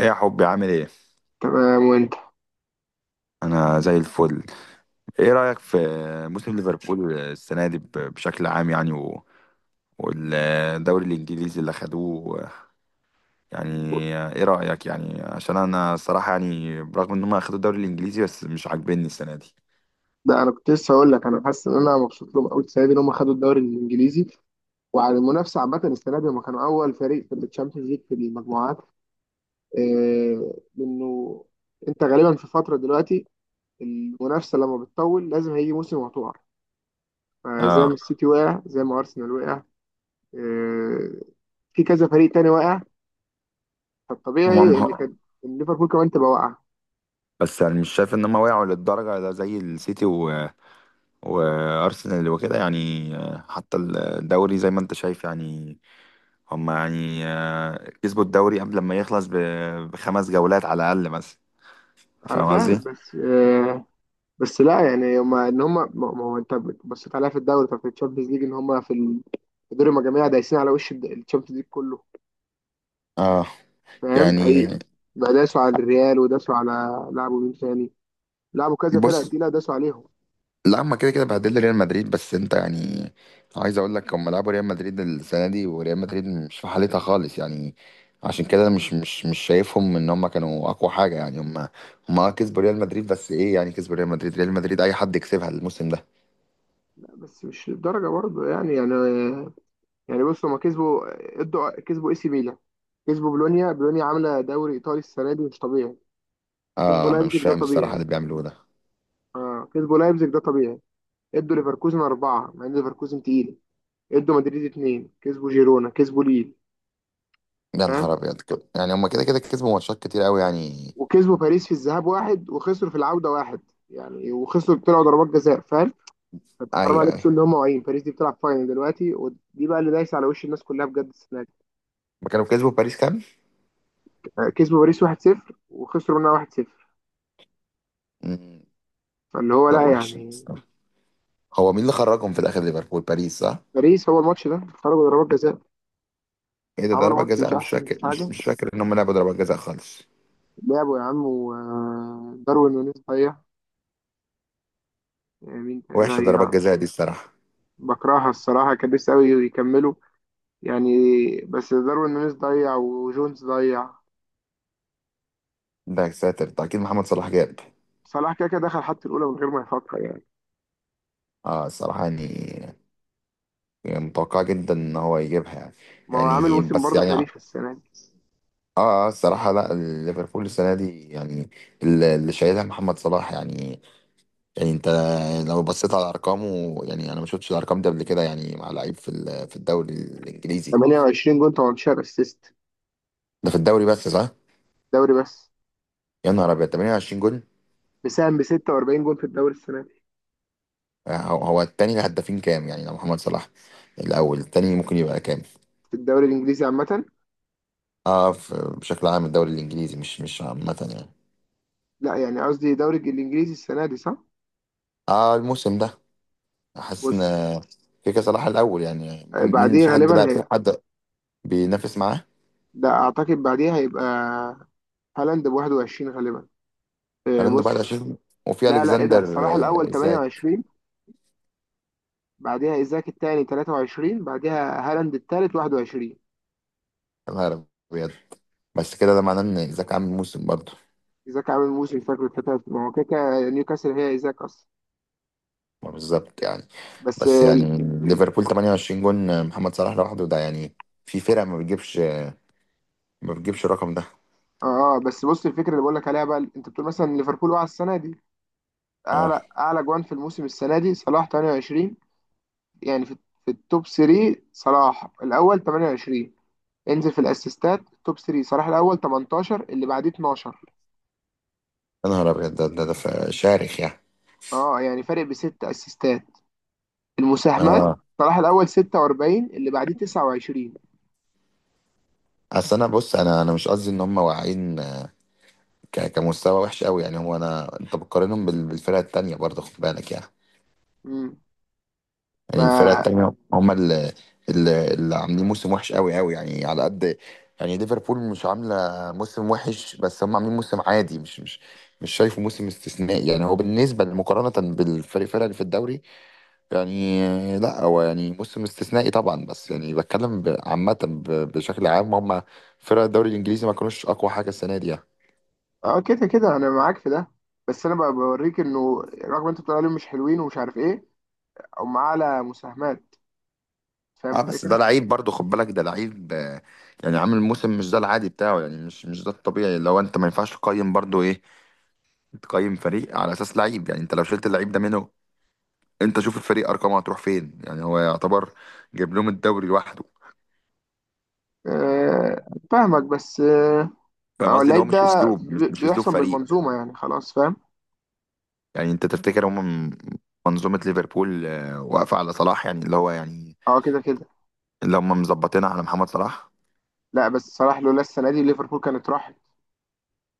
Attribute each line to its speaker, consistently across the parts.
Speaker 1: ايه يا حبي، عامل ايه؟
Speaker 2: تمام وانت.
Speaker 1: انا زي الفل. ايه رأيك في موسم ليفربول السنة دي بشكل عام يعني والدوري الانجليزي اللي خدوه يعني؟ ايه رأيك يعني؟ عشان انا الصراحة يعني برغم ان هم اخدوا الدوري الانجليزي بس مش عاجبني السنة دي.
Speaker 2: ده انا كنت لسه هقول لك انا حاسس ان انا مبسوط لهم قوي السنه دي ان هم خدوا الدوري الانجليزي، وعلى المنافسه عامه السنه دي هم كانوا اول فريق في الشامبيونز ليج في المجموعات، لانه انت غالبا في فتره دلوقتي، المنافسه لما بتطول لازم هيجي موسم وهتقع، فزي ما
Speaker 1: اه.
Speaker 2: السيتي وقع زي ما ارسنال وقع، آه، في كذا فريق تاني وقع،
Speaker 1: هم
Speaker 2: فالطبيعي ان
Speaker 1: مه...
Speaker 2: كان إن ليفربول كمان تبقى واقعه.
Speaker 1: بس يعني مش شايف ان هم وقعوا للدرجة ده زي السيتي وارسنال وكده يعني. حتى الدوري زي ما انت شايف، يعني هم يعني كسبوا الدوري قبل ما يخلص بخمس جولات على الأقل مثلا.
Speaker 2: انا
Speaker 1: فاهم
Speaker 2: فاهم،
Speaker 1: قصدي؟
Speaker 2: بس لا يعني هما ان هما ما هو انت بصيت عليها في الدوري، طب في الشامبيونز ليج ان هما في دور المجاميع دايسين على وش الشامبيونز ليج كله،
Speaker 1: اه
Speaker 2: فاهم
Speaker 1: يعني،
Speaker 2: اي؟ بقى داسوا على الريال وداسوا على، لعبوا مين تاني، لعبوا كذا فرقة
Speaker 1: بص،
Speaker 2: تقيلة داسوا عليهم.
Speaker 1: لا هما كده كده بهدلوا ريال مدريد، بس انت يعني عايز اقول لك هما لعبوا ريال مدريد السنه دي، وريال مدريد مش في حالتها خالص يعني. عشان كده مش شايفهم ان هما كانوا اقوى حاجه، يعني هما كسبوا ريال مدريد، بس ايه يعني كسبوا ريال مدريد؟ ريال مدريد اي حد يكسبها الموسم ده.
Speaker 2: لا، بس مش للدرجة برضه يعني يعني. بص، هما كسبوا، ادوا، كسبوا اي سي ميلان، كسبوا بولونيا، بولونيا عاملة دوري ايطالي السنة دي مش طبيعي. كسبوا
Speaker 1: اه انا مش
Speaker 2: لايبزيج ده
Speaker 1: فاهم الصراحه اللي
Speaker 2: طبيعي.
Speaker 1: بيعملوه ده.
Speaker 2: اه كسبوا لايبزيج ده طبيعي. ادوا ليفركوزن أربعة مع ان ليفركوزن تقيل، ادوا مدريد اتنين، كسبوا جيرونا، كسبوا ليل،
Speaker 1: يا
Speaker 2: فاهم؟
Speaker 1: نهار ابيض، كده يعني هما كده كده كسبوا ماتشات كتير قوي يعني.
Speaker 2: وكسبوا باريس في الذهاب واحد، وخسروا في العودة واحد، يعني وخسروا طلعوا ضربات جزاء، فاهم؟ فانت
Speaker 1: ايوه،
Speaker 2: حرام عليك
Speaker 1: ايوه،
Speaker 2: تقول ان هم واعيين، باريس دي بتلعب فاينل دلوقتي، ودي بقى اللي دايسه على وش الناس كلها بجد السنه دي.
Speaker 1: ما كانوا كسبوا باريس كام؟
Speaker 2: كسبوا باريس 1-0 وخسروا منها 1-0.
Speaker 1: مم.
Speaker 2: فاللي هو
Speaker 1: طب
Speaker 2: لا
Speaker 1: وحش.
Speaker 2: يعني.
Speaker 1: هو مين اللي خرجهم في الاخر، ليفربول، باريس صح؟
Speaker 2: باريس، هو الماتش ده خرجوا ضربات جزاء،
Speaker 1: ايه ده
Speaker 2: عملوا
Speaker 1: ضربات
Speaker 2: ماتش
Speaker 1: جزاء؟
Speaker 2: مش
Speaker 1: انا مش
Speaker 2: احسن
Speaker 1: فاكر، مش,
Speaker 2: حاجه.
Speaker 1: مش فاكر ان هم لعبوا ضربات جزاء خالص.
Speaker 2: لعبوا يا عم، وداروين نونيز ضيع، مين تاني
Speaker 1: وحشه ضربات
Speaker 2: ضيع.
Speaker 1: جزاء دي الصراحه.
Speaker 2: بكرهها الصراحه، كان لسه قوي يكملوا يعني، بس داروين نونيز ضيع وجونز ضيع.
Speaker 1: ده يا ساتر ده اكيد محمد صلاح جاب.
Speaker 2: صلاح كده كده دخل حتى الأولى من غير ما يفكر يعني.
Speaker 1: اه الصراحه يعني متوقع جدا ان هو يجيبها يعني.
Speaker 2: ما هو عامل
Speaker 1: يعني
Speaker 2: موسم
Speaker 1: بس
Speaker 2: برضه
Speaker 1: يعني اه،
Speaker 2: تاريخي السنة دي.
Speaker 1: اه الصراحه لا. ليفربول السنه دي يعني اللي شايلها محمد صلاح يعني. يعني انت لو بصيت على ارقامه، يعني انا ما شفتش الارقام دي قبل كده يعني مع لعيب في في الدوري الانجليزي.
Speaker 2: 28 جون 18 اسيست،
Speaker 1: ده في الدوري بس، صح؟
Speaker 2: دوري بس.
Speaker 1: يا نهار ابيض، 28 جول.
Speaker 2: مساهم ب 46 جون في الدوري السنة دي،
Speaker 1: هو، هو التاني الهدافين كام يعني لو محمد صلاح الاول؟ التاني ممكن يبقى كام؟
Speaker 2: في الدوري الإنجليزي عامة.
Speaker 1: اه بشكل عام الدوري الانجليزي، مش عامه يعني.
Speaker 2: لا، يعني قصدي دوري الإنجليزي السنة دي، صح؟
Speaker 1: اه الموسم ده. حاسس ان
Speaker 2: بص،
Speaker 1: كيكا صلاح الاول، يعني مين؟
Speaker 2: بعديه
Speaker 1: في حد
Speaker 2: غالبا
Speaker 1: بقى؟
Speaker 2: هي،
Speaker 1: في حد بينافس معاه؟
Speaker 2: ده أعتقد بعديه هيبقى هالاند ب 21 غالبا.
Speaker 1: هالاند ب
Speaker 2: بص.
Speaker 1: 21، وفي
Speaker 2: لا لا، إيه ده،
Speaker 1: الكسندر
Speaker 2: صلاح الأول
Speaker 1: ازاك.
Speaker 2: 28، بعديها إيزاك التاني 23، بعديها هالاند التالت 21.
Speaker 1: يا نهار ابيض. بس كده ده معناه ان ايزاك عامل موسم برضه.
Speaker 2: ايزاك عامل موسم، فاكر الفتات، ما هو كده كده نيوكاسل هي ايزاك اصلا.
Speaker 1: ما بالظبط يعني.
Speaker 2: بس
Speaker 1: بس
Speaker 2: ال-
Speaker 1: يعني ليفربول 28 جون محمد صلاح لوحده ده يعني، في فرق ما بتجيبش الرقم ده.
Speaker 2: اه بس بص، الفكره اللي بقول لك عليها بقى، انت بتقول مثلا ليفربول وقع السنه دي،
Speaker 1: اه،
Speaker 2: اعلى جوان في الموسم السنه دي صلاح 28. يعني في التوب 3، صلاح الاول 28. انزل في الاسيستات، توب 3، صلاح الاول 18 اللي بعديه 12.
Speaker 1: يا نهار ابيض، شارخ يعني.
Speaker 2: اه يعني فارق بست اسيستات، المساهمات،
Speaker 1: اه.
Speaker 2: صلاح الاول 46 اللي بعديه 29.
Speaker 1: اصل انا، بص، انا مش قصدي ان هم واقعين كمستوى وحش قوي يعني. هو انا، انت بتقارنهم بالفرق التانية برضه، خد بالك يعني.
Speaker 2: امم
Speaker 1: يعني الفرق
Speaker 2: ما
Speaker 1: التانية هم اللي عاملين موسم وحش قوي قوي يعني، على قد يعني. ليفربول مش عاملة موسم وحش، بس هم عاملين موسم عادي، مش شايفه موسم استثنائي يعني. هو بالنسبة مقارنة بالفريق، الفرق اللي في الدوري يعني. لا هو يعني موسم استثنائي طبعا، بس يعني بتكلم عامة، بشكل عام هم فرق الدوري الإنجليزي ما كانوش أقوى حاجة السنة دي يعني.
Speaker 2: اه كده كده انا معاك في ده. بس انا بقى بوريك انه رغم انت بتقول عليهم مش حلوين ومش عارف ايه، هم اعلى مساهمات، فاهم
Speaker 1: اه بس ده
Speaker 2: الفكره؟
Speaker 1: لعيب برضه، خد بالك، ده لعيب يعني عامل موسم مش ده العادي بتاعه يعني. مش ده الطبيعي. لو انت، ما ينفعش تقيم برضه، ايه، تقيم فريق على اساس لعيب يعني. انت لو شلت اللعيب ده منه، انت شوف الفريق ارقامه هتروح فين يعني. هو يعتبر جايب لهم الدوري لوحده.
Speaker 2: أه فاهمك، بس
Speaker 1: فاهم
Speaker 2: هو
Speaker 1: قصدي، اللي هو
Speaker 2: اللعيب
Speaker 1: مش
Speaker 2: ده
Speaker 1: اسلوب، مش, مش اسلوب
Speaker 2: بيحسن
Speaker 1: فريق.
Speaker 2: بالمنظومه يعني، خلاص فاهم؟
Speaker 1: يعني انت تفتكر هم، منظومة ليفربول واقفة على صلاح، يعني اللي هو يعني
Speaker 2: اه كده كده.
Speaker 1: اللي هم مظبطينها على محمد صلاح؟
Speaker 2: لا بس صلاح لولا السنه دي ليفربول كانت راحت.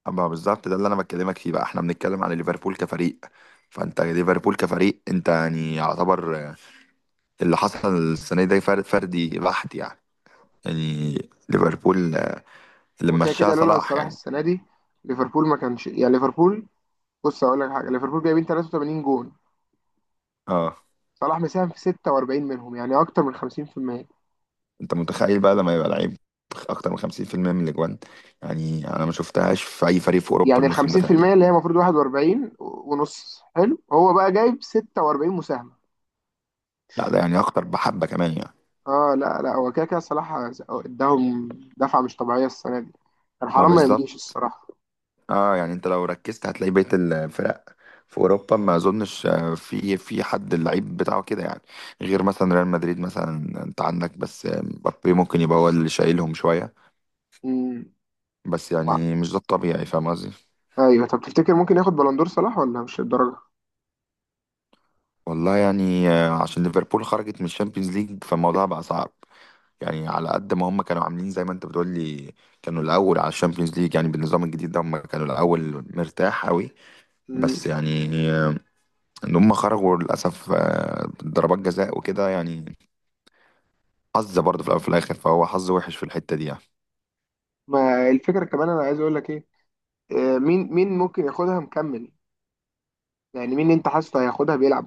Speaker 1: أما بالظبط، ده اللي انا بكلمك فيه بقى. احنا بنتكلم على ليفربول كفريق، فانت ليفربول كفريق انت يعني يعتبر اللي حصل السنة دي فرد، فردي بحت يعني. يعني ليفربول اللي
Speaker 2: هو كده
Speaker 1: مشاها
Speaker 2: كده لولا
Speaker 1: صلاح
Speaker 2: صلاح
Speaker 1: يعني.
Speaker 2: السنه دي ليفربول ما كانش يعني ليفربول. بص اقول لك حاجه، ليفربول جايبين 83 جون،
Speaker 1: اه،
Speaker 2: صلاح مساهم في 46 منهم، يعني اكتر من 50%.
Speaker 1: انت متخيل بقى لما يبقى لعيب اكتر من 50% من الاجوان؟ يعني انا ما شفتهاش في اي فريق في اوروبا
Speaker 2: يعني ال
Speaker 1: الموسم ده تقريبا.
Speaker 2: 50% اللي هي المفروض 41 ونص، حلو هو بقى جايب 46 مساهمة.
Speaker 1: لا ده يعني اكتر بحبه كمان يعني.
Speaker 2: اه لا لا، هو كده كده صلاح اداهم دفعة مش طبيعية السنة دي، كان
Speaker 1: ما
Speaker 2: حرام ما يمليش
Speaker 1: بالظبط.
Speaker 2: الصراحة.
Speaker 1: اه يعني، انت لو ركزت هتلاقي بقيه الفرق في اوروبا ما اظنش في حد اللعيب بتاعه كده يعني، غير مثلا ريال مدريد مثلا، انت عندك بس مبابي ممكن يبقى هو اللي شايلهم شويه.
Speaker 2: امم
Speaker 1: بس
Speaker 2: وا-
Speaker 1: يعني مش ده الطبيعي، فاهم قصدي.
Speaker 2: ايوه، طب تفتكر ممكن ياخد بلندور صلاح ولا مش الدرجة؟
Speaker 1: والله يعني عشان ليفربول خرجت من الشامبيونز ليج فالموضوع بقى صعب يعني. على قد ما هم كانوا عاملين زي ما انت بتقول لي كانوا الاول على الشامبيونز ليج، يعني بالنظام الجديد ده هم كانوا الاول مرتاح قوي. بس
Speaker 2: امم
Speaker 1: يعني ان هم خرجوا للاسف ضربات جزاء وكده يعني. حظ برضه في الاول وفي الاخر، فهو حظ وحش في الحته دي يعني.
Speaker 2: ما الفكرة كمان، انا عايز اقول لك ايه، مين ممكن ياخدها مكمل. يعني مين انت حاسه هياخدها بيلعب؟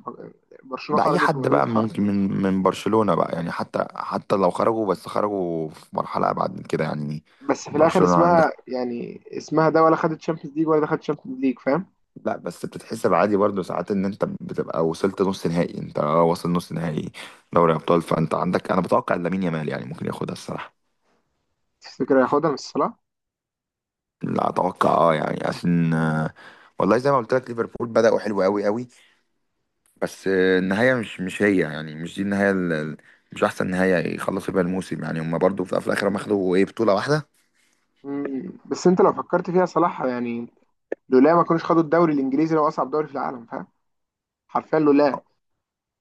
Speaker 2: برشلونة
Speaker 1: ده اي
Speaker 2: خرجت
Speaker 1: حد
Speaker 2: ومدريد
Speaker 1: بقى
Speaker 2: خرج.
Speaker 1: ممكن من برشلونه بقى يعني، حتى لو خرجوا، بس خرجوا في مرحله ابعد من كده يعني.
Speaker 2: بس في الاخر
Speaker 1: برشلونه
Speaker 2: اسمها
Speaker 1: عندك.
Speaker 2: يعني اسمها ده، ولا خدت شامبيونز ليج ولا دخلت شامبيونز ليج، فاهم؟
Speaker 1: لا بس بتتحسب عادي برضه ساعات ان انت بتبقى وصلت نص نهائي، انت واصل نص نهائي دوري ابطال، فانت عندك انا بتوقع إن لامين يامال يعني ممكن ياخدها الصراحه.
Speaker 2: تفتكر هياخدها من صلاح؟
Speaker 1: لا اتوقع، اه يعني عشان والله زي ما قلت لك ليفربول بدأوا حلو قوي قوي، بس النهايه مش هي يعني، مش دي النهايه، مش احسن نهايه يخلصوا بيها الموسم يعني. هم برضه في الاخر هم اخدوا ايه؟ بطوله واحده.
Speaker 2: بس انت لو فكرت فيها صلاح يعني، لولا ما كانوش خدوا الدوري الانجليزي لو اصعب دوري في العالم، فاهم؟ حرفيا لولا.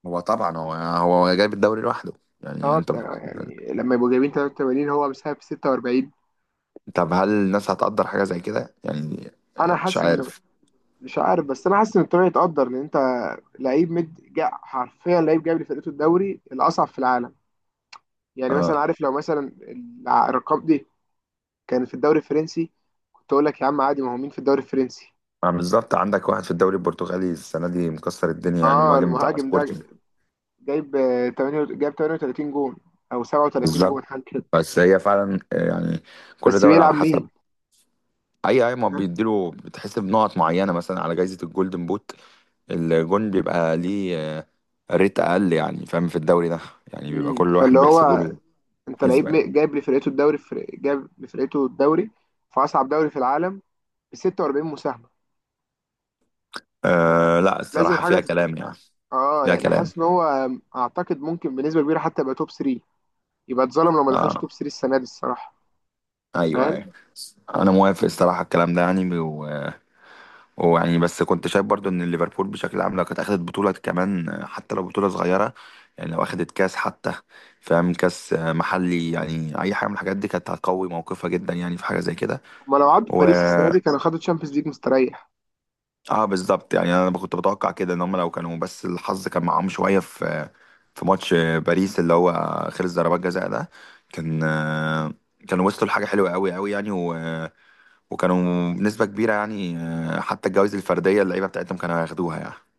Speaker 1: هو طبعا هو هو جايب الدوري لوحده يعني.
Speaker 2: اه
Speaker 1: انت،
Speaker 2: يعني لما يبقوا جايبين 83 هو مساهم في 46.
Speaker 1: طب هل الناس هتقدر حاجه زي كده يعني؟
Speaker 2: انا
Speaker 1: مش
Speaker 2: حاسس انه،
Speaker 1: عارف.
Speaker 2: مش عارف، بس انا حاسس ان الطريق يتقدر، لان انت لعيب مد جا حرفيا، لعيب جايب لفرقته الدوري الاصعب في العالم. يعني مثلا
Speaker 1: آه،
Speaker 2: عارف، لو مثلا الارقام دي كانت في الدوري الفرنسي، كنت اقول لك يا عم عادي، ما هو مين في الدوري الفرنسي.
Speaker 1: ما بالظبط. عندك واحد في الدوري البرتغالي السنة دي مكسر الدنيا يعني،
Speaker 2: اه
Speaker 1: مهاجم بتاع
Speaker 2: المهاجم ده
Speaker 1: سبورتنج.
Speaker 2: جايب 8، جايب 38 جون او 37
Speaker 1: بالظبط.
Speaker 2: جون حاجه كده.
Speaker 1: بس هي فعلا يعني كل
Speaker 2: بس
Speaker 1: دوري
Speaker 2: بيلعب
Speaker 1: على حسب.
Speaker 2: مين؟
Speaker 1: اي ما
Speaker 2: ها؟
Speaker 1: بيديله، بتحسب نقط معينة مثلا على جائزة الجولدن بوت. الجون بيبقى ليه ريت اقل يعني، فاهم، في الدوري ده يعني بيبقى
Speaker 2: مم.
Speaker 1: كل واحد
Speaker 2: فاللي
Speaker 1: بيحسبوا
Speaker 2: هو،
Speaker 1: له
Speaker 2: انت لعيب
Speaker 1: حسبة يعني.
Speaker 2: جايب لفرقته الدوري في اصعب دوري في العالم ب 46 مساهمه.
Speaker 1: أه لا
Speaker 2: لازم
Speaker 1: الصراحة
Speaker 2: حاجه
Speaker 1: فيها كلام يعني.
Speaker 2: اه
Speaker 1: فيها
Speaker 2: يعني
Speaker 1: كلام.
Speaker 2: حاسس ان هو، اعتقد ممكن بنسبه كبيره حتى يبقى توب 3. يبقى اتظلم لو ما دخلش
Speaker 1: اه،
Speaker 2: توب 3 السنه دي الصراحه،
Speaker 1: ايوه،
Speaker 2: فاهم؟
Speaker 1: ايوه، انا موافق الصراحة الكلام ده يعني. ويعني بس كنت شايف برضو ان ليفربول بشكل عام لو كانت اخدت بطوله كمان، حتى لو بطوله صغيره يعني، لو اخدت كاس حتى، فاهم، كاس محلي يعني، اي حاجه من الحاجات دي كانت هتقوي موقفها جدا يعني في حاجه زي كده.
Speaker 2: هما لو عدوا
Speaker 1: و
Speaker 2: باريس السنه دي كانوا خدوا تشامبيونز ليج مستريح.
Speaker 1: اه بالظبط يعني، انا كنت بتوقع كده ان هم لو كانوا بس الحظ كان معاهم شويه في ماتش باريس اللي هو خلص ضربات جزاء ده، كان كانوا وصلوا لحاجه حلوه قوي قوي يعني، وكانوا بنسبه كبيره يعني حتى الجوائز الفرديه اللعيبه بتاعتهم كانوا هياخدوها يعني